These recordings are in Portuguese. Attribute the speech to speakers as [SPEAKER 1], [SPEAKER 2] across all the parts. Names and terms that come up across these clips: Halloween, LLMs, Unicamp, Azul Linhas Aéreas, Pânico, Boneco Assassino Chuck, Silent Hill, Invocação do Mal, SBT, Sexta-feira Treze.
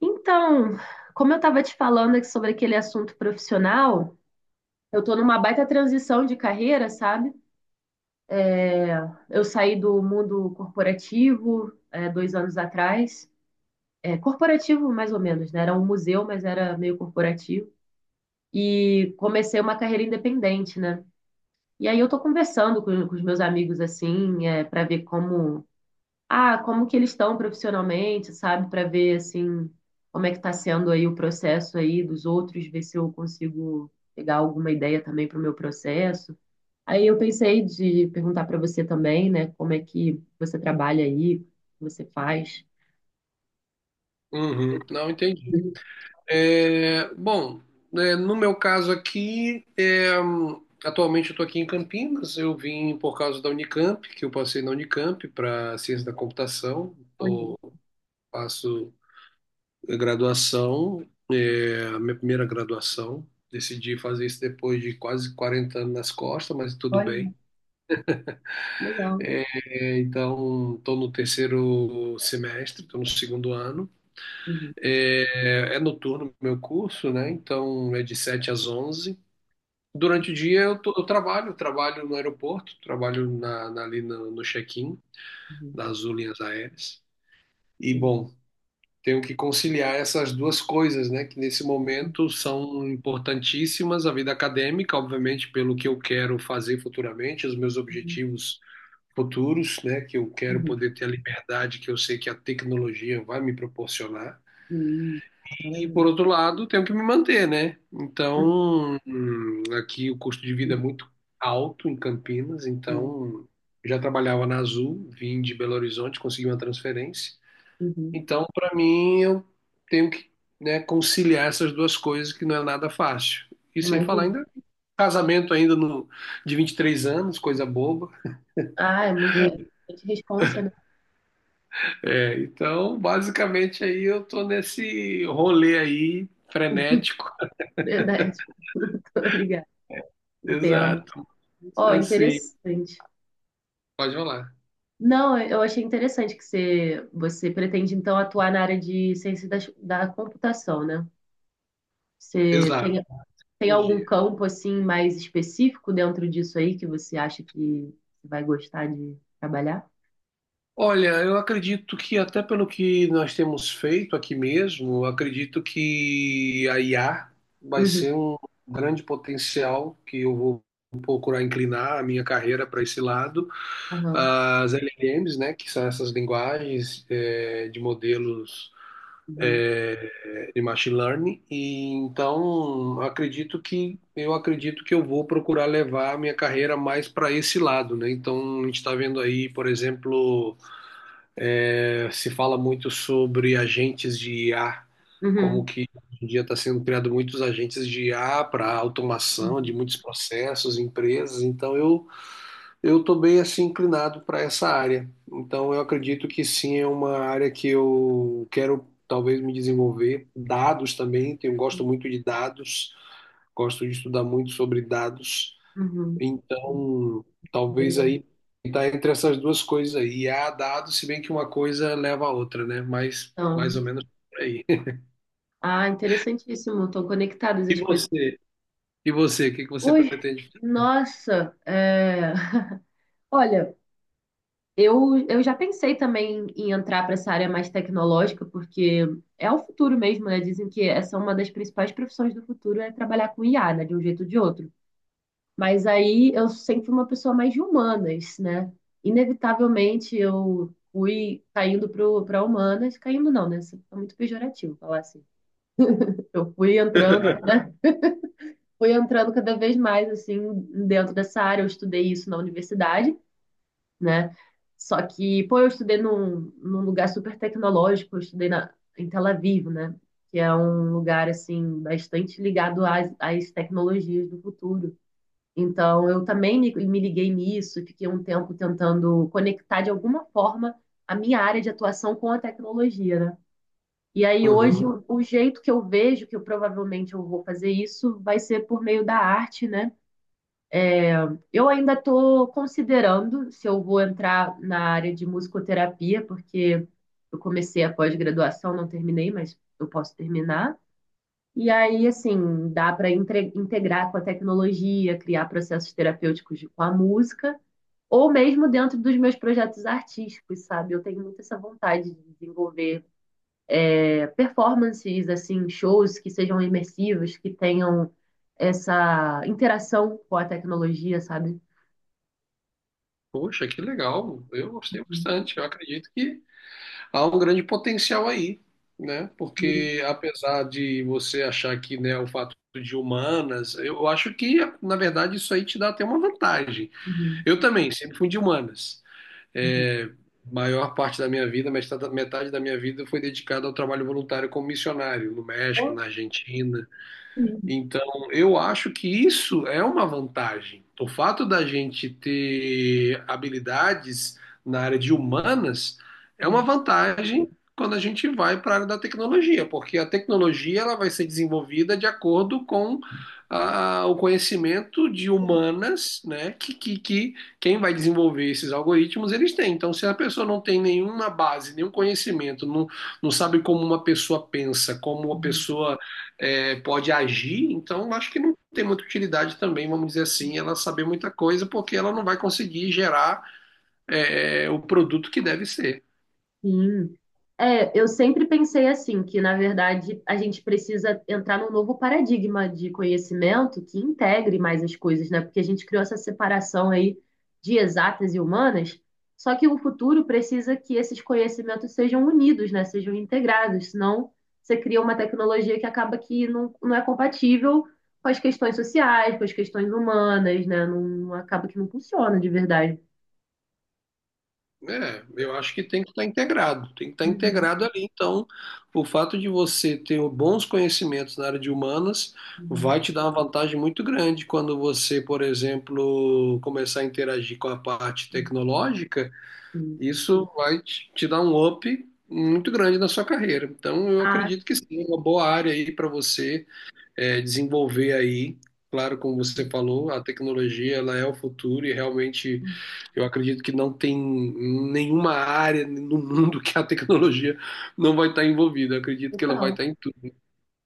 [SPEAKER 1] Então, como eu estava te falando aqui sobre aquele assunto profissional, eu estou numa baita transição de carreira, sabe? Eu saí do mundo corporativo, é, dois anos atrás. É, corporativo, mais ou menos, né? Era um museu, mas era meio corporativo. E comecei uma carreira independente, né? E aí eu estou conversando com os meus amigos, assim, para ver como como que eles estão profissionalmente, sabe? Para ver, assim, como é que está sendo aí o processo aí dos outros, ver se eu consigo pegar alguma ideia também para o meu processo. Aí eu pensei de perguntar para você também, né? Como é que você trabalha aí, o que você faz.
[SPEAKER 2] Uhum, não entendi.
[SPEAKER 1] Uhum.
[SPEAKER 2] É, bom, no meu caso aqui, atualmente eu estou aqui em Campinas. Eu vim por causa da Unicamp, que eu passei na Unicamp para ciência da computação.
[SPEAKER 1] Olha,
[SPEAKER 2] Eu faço graduação, a minha primeira graduação. Decidi fazer isso depois de quase 40 anos nas costas, mas tudo
[SPEAKER 1] olha,
[SPEAKER 2] bem.
[SPEAKER 1] legal.
[SPEAKER 2] Então, estou no terceiro semestre, estou no segundo ano.
[SPEAKER 1] Uhum,
[SPEAKER 2] É noturno o meu curso, né? Então é de 7 às 11. Durante o dia eu, eu trabalho, trabalho no aeroporto, trabalho ali no check-in
[SPEAKER 1] uhum,
[SPEAKER 2] das Azul Linhas Aéreas. E,
[SPEAKER 1] uhum,
[SPEAKER 2] bom, tenho que conciliar essas duas coisas, né? Que nesse momento são importantíssimas, a vida acadêmica, obviamente, pelo que eu quero fazer futuramente, os meus
[SPEAKER 1] uhum,
[SPEAKER 2] objetivos futuros, né? Que eu quero
[SPEAKER 1] uhum,
[SPEAKER 2] poder ter a liberdade que eu sei que a tecnologia vai me proporcionar.
[SPEAKER 1] uhum.
[SPEAKER 2] E por
[SPEAKER 1] Maravilha.
[SPEAKER 2] outro lado, tenho que me manter, né?
[SPEAKER 1] Uhum,
[SPEAKER 2] Então, aqui o custo de vida é
[SPEAKER 1] uhum,
[SPEAKER 2] muito alto em Campinas,
[SPEAKER 1] uhum,
[SPEAKER 2] então já trabalhava na Azul, vim de Belo Horizonte, consegui uma transferência.
[SPEAKER 1] uhum.
[SPEAKER 2] Então, para mim, eu tenho que, né, conciliar essas duas coisas que não é nada fácil. E sem falar
[SPEAKER 1] Imagina.
[SPEAKER 2] ainda casamento ainda no, de 23 anos, coisa boba.
[SPEAKER 1] Ah, é muita responsa, né?
[SPEAKER 2] É, então, basicamente aí eu tô nesse rolê aí frenético.
[SPEAKER 1] Verdade. Tô ligada. Entendo.
[SPEAKER 2] Exato.
[SPEAKER 1] Ó,
[SPEAKER 2] Assim,
[SPEAKER 1] interessante.
[SPEAKER 2] pode rolar.
[SPEAKER 1] Não, eu achei interessante que você pretende, então, atuar na área de ciência da computação, né? Você
[SPEAKER 2] Exato,
[SPEAKER 1] tem, tem algum
[SPEAKER 2] tecnologia.
[SPEAKER 1] campo, assim, mais específico dentro disso aí que você acha que vai gostar de trabalhar?
[SPEAKER 2] Olha, eu acredito que até pelo que nós temos feito aqui mesmo, eu acredito que a IA vai
[SPEAKER 1] Uhum,
[SPEAKER 2] ser um grande potencial que eu vou procurar inclinar a minha carreira para esse lado.
[SPEAKER 1] aham,
[SPEAKER 2] As LLMs, né, que são essas linguagens de modelos
[SPEAKER 1] uhum,
[SPEAKER 2] de machine learning. E então, acredito que eu vou procurar levar a minha carreira mais para esse lado, né? Então, a gente está vendo aí, por exemplo, se fala muito sobre agentes de IA, como
[SPEAKER 1] uhum,
[SPEAKER 2] que hoje em dia está sendo criado muitos agentes de IA para automação de muitos processos, empresas. Então eu estou bem assim inclinado para essa área. Então eu acredito que sim, é uma área que eu quero talvez me desenvolver. Dados também, tenho gosto
[SPEAKER 1] uhum,
[SPEAKER 2] muito de dados, gosto de estudar muito sobre dados.
[SPEAKER 1] uhum.
[SPEAKER 2] Então,
[SPEAKER 1] Big
[SPEAKER 2] talvez
[SPEAKER 1] data.
[SPEAKER 2] aí tá entre essas duas coisas aí. E há dado, se bem que uma coisa leva a outra, né? Mas mais
[SPEAKER 1] Então,
[SPEAKER 2] ou menos por aí.
[SPEAKER 1] interessantíssimo. Estão conectadas
[SPEAKER 2] E
[SPEAKER 1] as coisas.
[SPEAKER 2] você? E você? O que que você
[SPEAKER 1] Ui,
[SPEAKER 2] pretende?
[SPEAKER 1] nossa, Olha, eu já pensei também em entrar para essa área mais tecnológica, porque é o futuro mesmo, né? Dizem que essa é uma das principais profissões do futuro, é trabalhar com IA, né? De um jeito ou de outro. Mas aí eu sempre fui uma pessoa mais de humanas, né? Inevitavelmente eu fui caindo para humanas, caindo não, né? Isso é muito pejorativo falar assim. Eu fui entrando, fui entrando cada vez mais assim dentro dessa área, eu estudei isso na universidade. Né? Só que, pô, eu estudei num lugar super tecnológico, eu estudei na, em Tel Aviv, né? Que é um lugar, assim, bastante ligado às tecnologias do futuro. Então, eu também me liguei nisso, fiquei um tempo tentando conectar de alguma forma a minha área de atuação com a tecnologia, né? E aí, hoje,
[SPEAKER 2] Aham.
[SPEAKER 1] o jeito que eu vejo que eu provavelmente eu vou fazer isso vai ser por meio da arte, né? Eu ainda estou considerando se eu vou entrar na área de musicoterapia, porque eu comecei a pós-graduação, não terminei, mas eu posso terminar. E aí, assim, dá para integrar com a tecnologia, criar processos terapêuticos com a música, ou mesmo dentro dos meus projetos artísticos, sabe? Eu tenho muito essa vontade de desenvolver performances, assim, shows que sejam imersivos, que tenham essa interação com a tecnologia, sabe?
[SPEAKER 2] Poxa, que legal. Eu gostei bastante. Eu acredito que há um grande potencial aí, né?
[SPEAKER 1] Uhum.
[SPEAKER 2] Porque apesar de você achar que, né, o fato de humanas, eu acho que, na verdade, isso aí te dá até uma vantagem.
[SPEAKER 1] Uhum.
[SPEAKER 2] Eu também sempre fui de humanas.
[SPEAKER 1] Uhum.
[SPEAKER 2] é, Maior parte da minha vida, metade, metade da minha vida foi dedicada ao trabalho voluntário como missionário no México,
[SPEAKER 1] Ou
[SPEAKER 2] na Argentina,
[SPEAKER 1] mesmo.
[SPEAKER 2] então, eu acho que isso é uma vantagem. O fato da gente ter habilidades na área de humanas é uma vantagem quando a gente vai para a área da tecnologia, porque a tecnologia ela vai ser desenvolvida de acordo com o conhecimento de humanas, né? Que quem vai desenvolver esses algoritmos eles têm. Então, se a pessoa não tem nenhuma base, nenhum conhecimento, não, não sabe como uma pessoa pensa, como uma
[SPEAKER 1] Uhum.
[SPEAKER 2] pessoa pode agir, então acho que não tem muita utilidade também, vamos dizer assim, ela saber muita coisa, porque ela não vai conseguir gerar o produto que deve ser.
[SPEAKER 1] Sim. É, eu sempre pensei assim, que na verdade a gente precisa entrar num novo paradigma de conhecimento que integre mais as coisas, né? Porque a gente criou essa separação aí de exatas e humanas, só que o futuro precisa que esses conhecimentos sejam unidos, né? Sejam integrados, senão você cria uma tecnologia que acaba que não, não é compatível com as questões sociais, com as questões humanas, né? Não, acaba que não funciona de verdade.
[SPEAKER 2] É, eu acho que tem que estar integrado, tem que estar integrado ali. Então, o fato de você ter bons conhecimentos na área de humanas
[SPEAKER 1] Uhum,
[SPEAKER 2] vai te dar uma vantagem muito grande quando você, por exemplo, começar a interagir com a parte
[SPEAKER 1] uhum,
[SPEAKER 2] tecnológica.
[SPEAKER 1] sim.
[SPEAKER 2] Isso vai te dar um up muito grande na sua carreira. Então, eu
[SPEAKER 1] Ah,
[SPEAKER 2] acredito que sim, é uma boa área aí para você desenvolver aí. Claro, como você
[SPEAKER 1] sim.
[SPEAKER 2] falou, a tecnologia ela é o futuro e realmente
[SPEAKER 1] Uhum.
[SPEAKER 2] eu acredito que não tem nenhuma área no mundo que a tecnologia não vai estar envolvida. Eu acredito que ela vai
[SPEAKER 1] Total.
[SPEAKER 2] estar em tudo.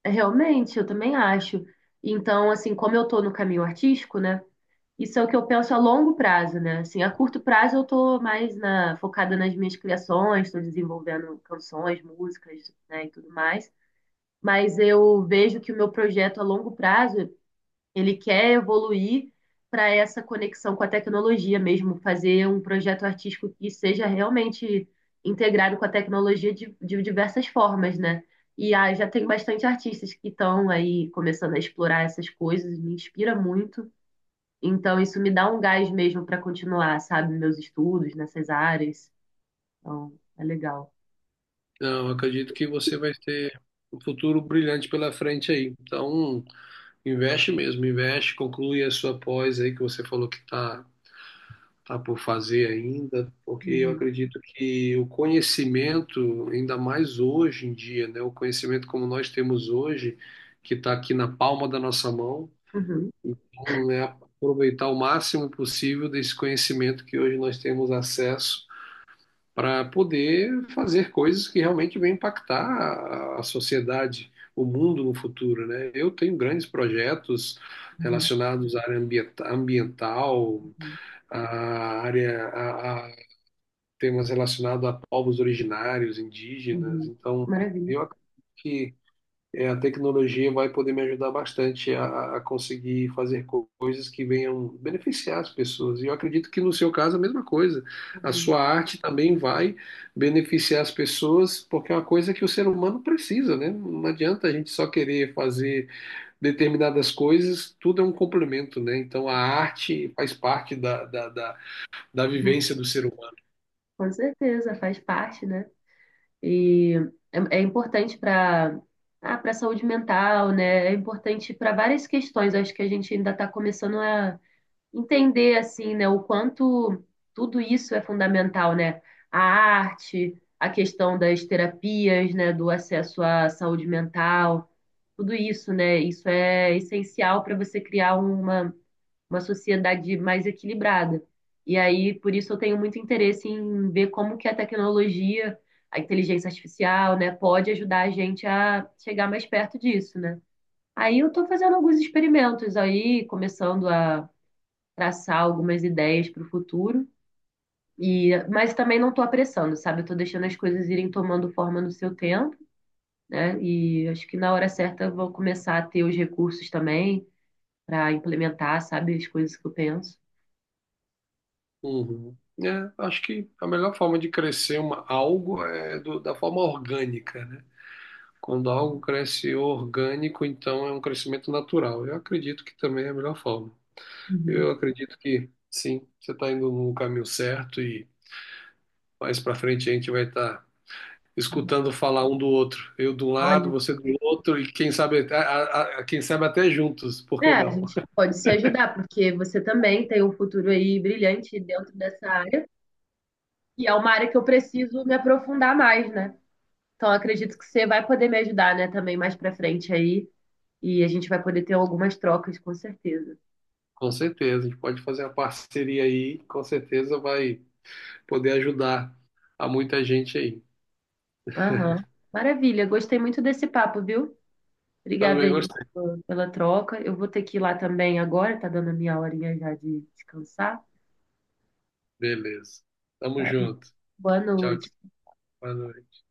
[SPEAKER 1] É, realmente, eu também acho. Então, assim, como eu tô no caminho artístico, né? Isso é o que eu penso a longo prazo, né? Assim, a curto prazo eu tô mais na, focada nas minhas criações, tô desenvolvendo canções, músicas, né, e tudo mais. Mas eu vejo que o meu projeto a longo prazo ele quer evoluir para essa conexão com a tecnologia mesmo, fazer um projeto artístico que seja realmente integrado com a tecnologia de diversas formas, né? E já tem bastante artistas que estão aí começando a explorar essas coisas, me inspira muito. Então, isso me dá um gás mesmo para continuar, sabe, meus estudos nessas áreas. Então, é legal.
[SPEAKER 2] Não, eu acredito que você vai ter um futuro brilhante pela frente aí. Então, investe mesmo, investe, conclui a sua pós aí que você falou que está tá por fazer ainda, porque eu
[SPEAKER 1] Uhum,
[SPEAKER 2] acredito que o conhecimento, ainda mais hoje em dia, né, o conhecimento como nós temos hoje, que está aqui na palma da nossa mão,
[SPEAKER 1] uhum,
[SPEAKER 2] então, é aproveitar o máximo possível desse conhecimento que hoje nós temos acesso para poder fazer coisas que realmente vão impactar a sociedade, o mundo no futuro, né? Eu tenho grandes projetos
[SPEAKER 1] uhum,
[SPEAKER 2] relacionados à ambiental,
[SPEAKER 1] uhum.
[SPEAKER 2] a área, a, temas relacionados a povos originários, indígenas.
[SPEAKER 1] Uhum.
[SPEAKER 2] Então,
[SPEAKER 1] Maravilha.
[SPEAKER 2] eu acredito que a tecnologia vai poder me ajudar bastante a conseguir fazer coisas que venham beneficiar as pessoas. E eu acredito que no seu caso a mesma coisa. A
[SPEAKER 1] Uhum,
[SPEAKER 2] sua arte também vai beneficiar as pessoas, porque é uma coisa que o ser humano precisa, né? Não adianta a gente só querer fazer determinadas coisas, tudo é um complemento, né? Então a arte faz parte da
[SPEAKER 1] uhum.
[SPEAKER 2] vivência do ser humano.
[SPEAKER 1] Com certeza, faz parte, né? E é importante para para saúde mental, né? É importante para várias questões. Acho que a gente ainda está começando a entender assim, né, o quanto tudo isso é fundamental, né? A arte, a questão das terapias, né, do acesso à saúde mental, tudo isso, né? Isso é essencial para você criar uma sociedade mais equilibrada. E aí, por isso, eu tenho muito interesse em ver como que a tecnologia, a inteligência artificial, né, pode ajudar a gente a chegar mais perto disso, né? Aí eu estou fazendo alguns experimentos aí, começando a traçar algumas ideias para o futuro. E, mas também não estou apressando, sabe? Eu estou deixando as coisas irem tomando forma no seu tempo, né? E acho que na hora certa eu vou começar a ter os recursos também para implementar, sabe, as coisas que eu penso.
[SPEAKER 2] Uhum. É, acho que a melhor forma de crescer uma, algo é da forma orgânica, né? Quando algo cresce orgânico, então é um crescimento natural. Eu acredito que também é a melhor forma.
[SPEAKER 1] Uhum.
[SPEAKER 2] Eu acredito que sim, você está indo no caminho certo e mais para frente a gente vai estar escutando falar um do outro. Eu de um lado,
[SPEAKER 1] Olha,
[SPEAKER 2] você do outro e quem sabe, quem sabe até juntos, por
[SPEAKER 1] é,
[SPEAKER 2] que
[SPEAKER 1] a
[SPEAKER 2] não?
[SPEAKER 1] gente pode se ajudar, porque você também tem um futuro aí brilhante dentro dessa área, e é uma área que eu preciso me aprofundar mais, né? Então, acredito que você vai poder me ajudar, né, também mais pra frente aí, e a gente vai poder ter algumas trocas, com certeza.
[SPEAKER 2] Com certeza, a gente pode fazer uma parceria aí, com certeza vai poder ajudar a muita gente aí.
[SPEAKER 1] Aham. Maravilha, gostei muito desse papo, viu? Obrigada
[SPEAKER 2] Também
[SPEAKER 1] aí
[SPEAKER 2] gostei.
[SPEAKER 1] pela pela troca. Eu vou ter que ir lá também agora, tá dando a minha horinha já de descansar.
[SPEAKER 2] Beleza. Tamo
[SPEAKER 1] Vale.
[SPEAKER 2] junto.
[SPEAKER 1] Boa
[SPEAKER 2] Tchau,
[SPEAKER 1] noite.
[SPEAKER 2] tchau. Boa noite.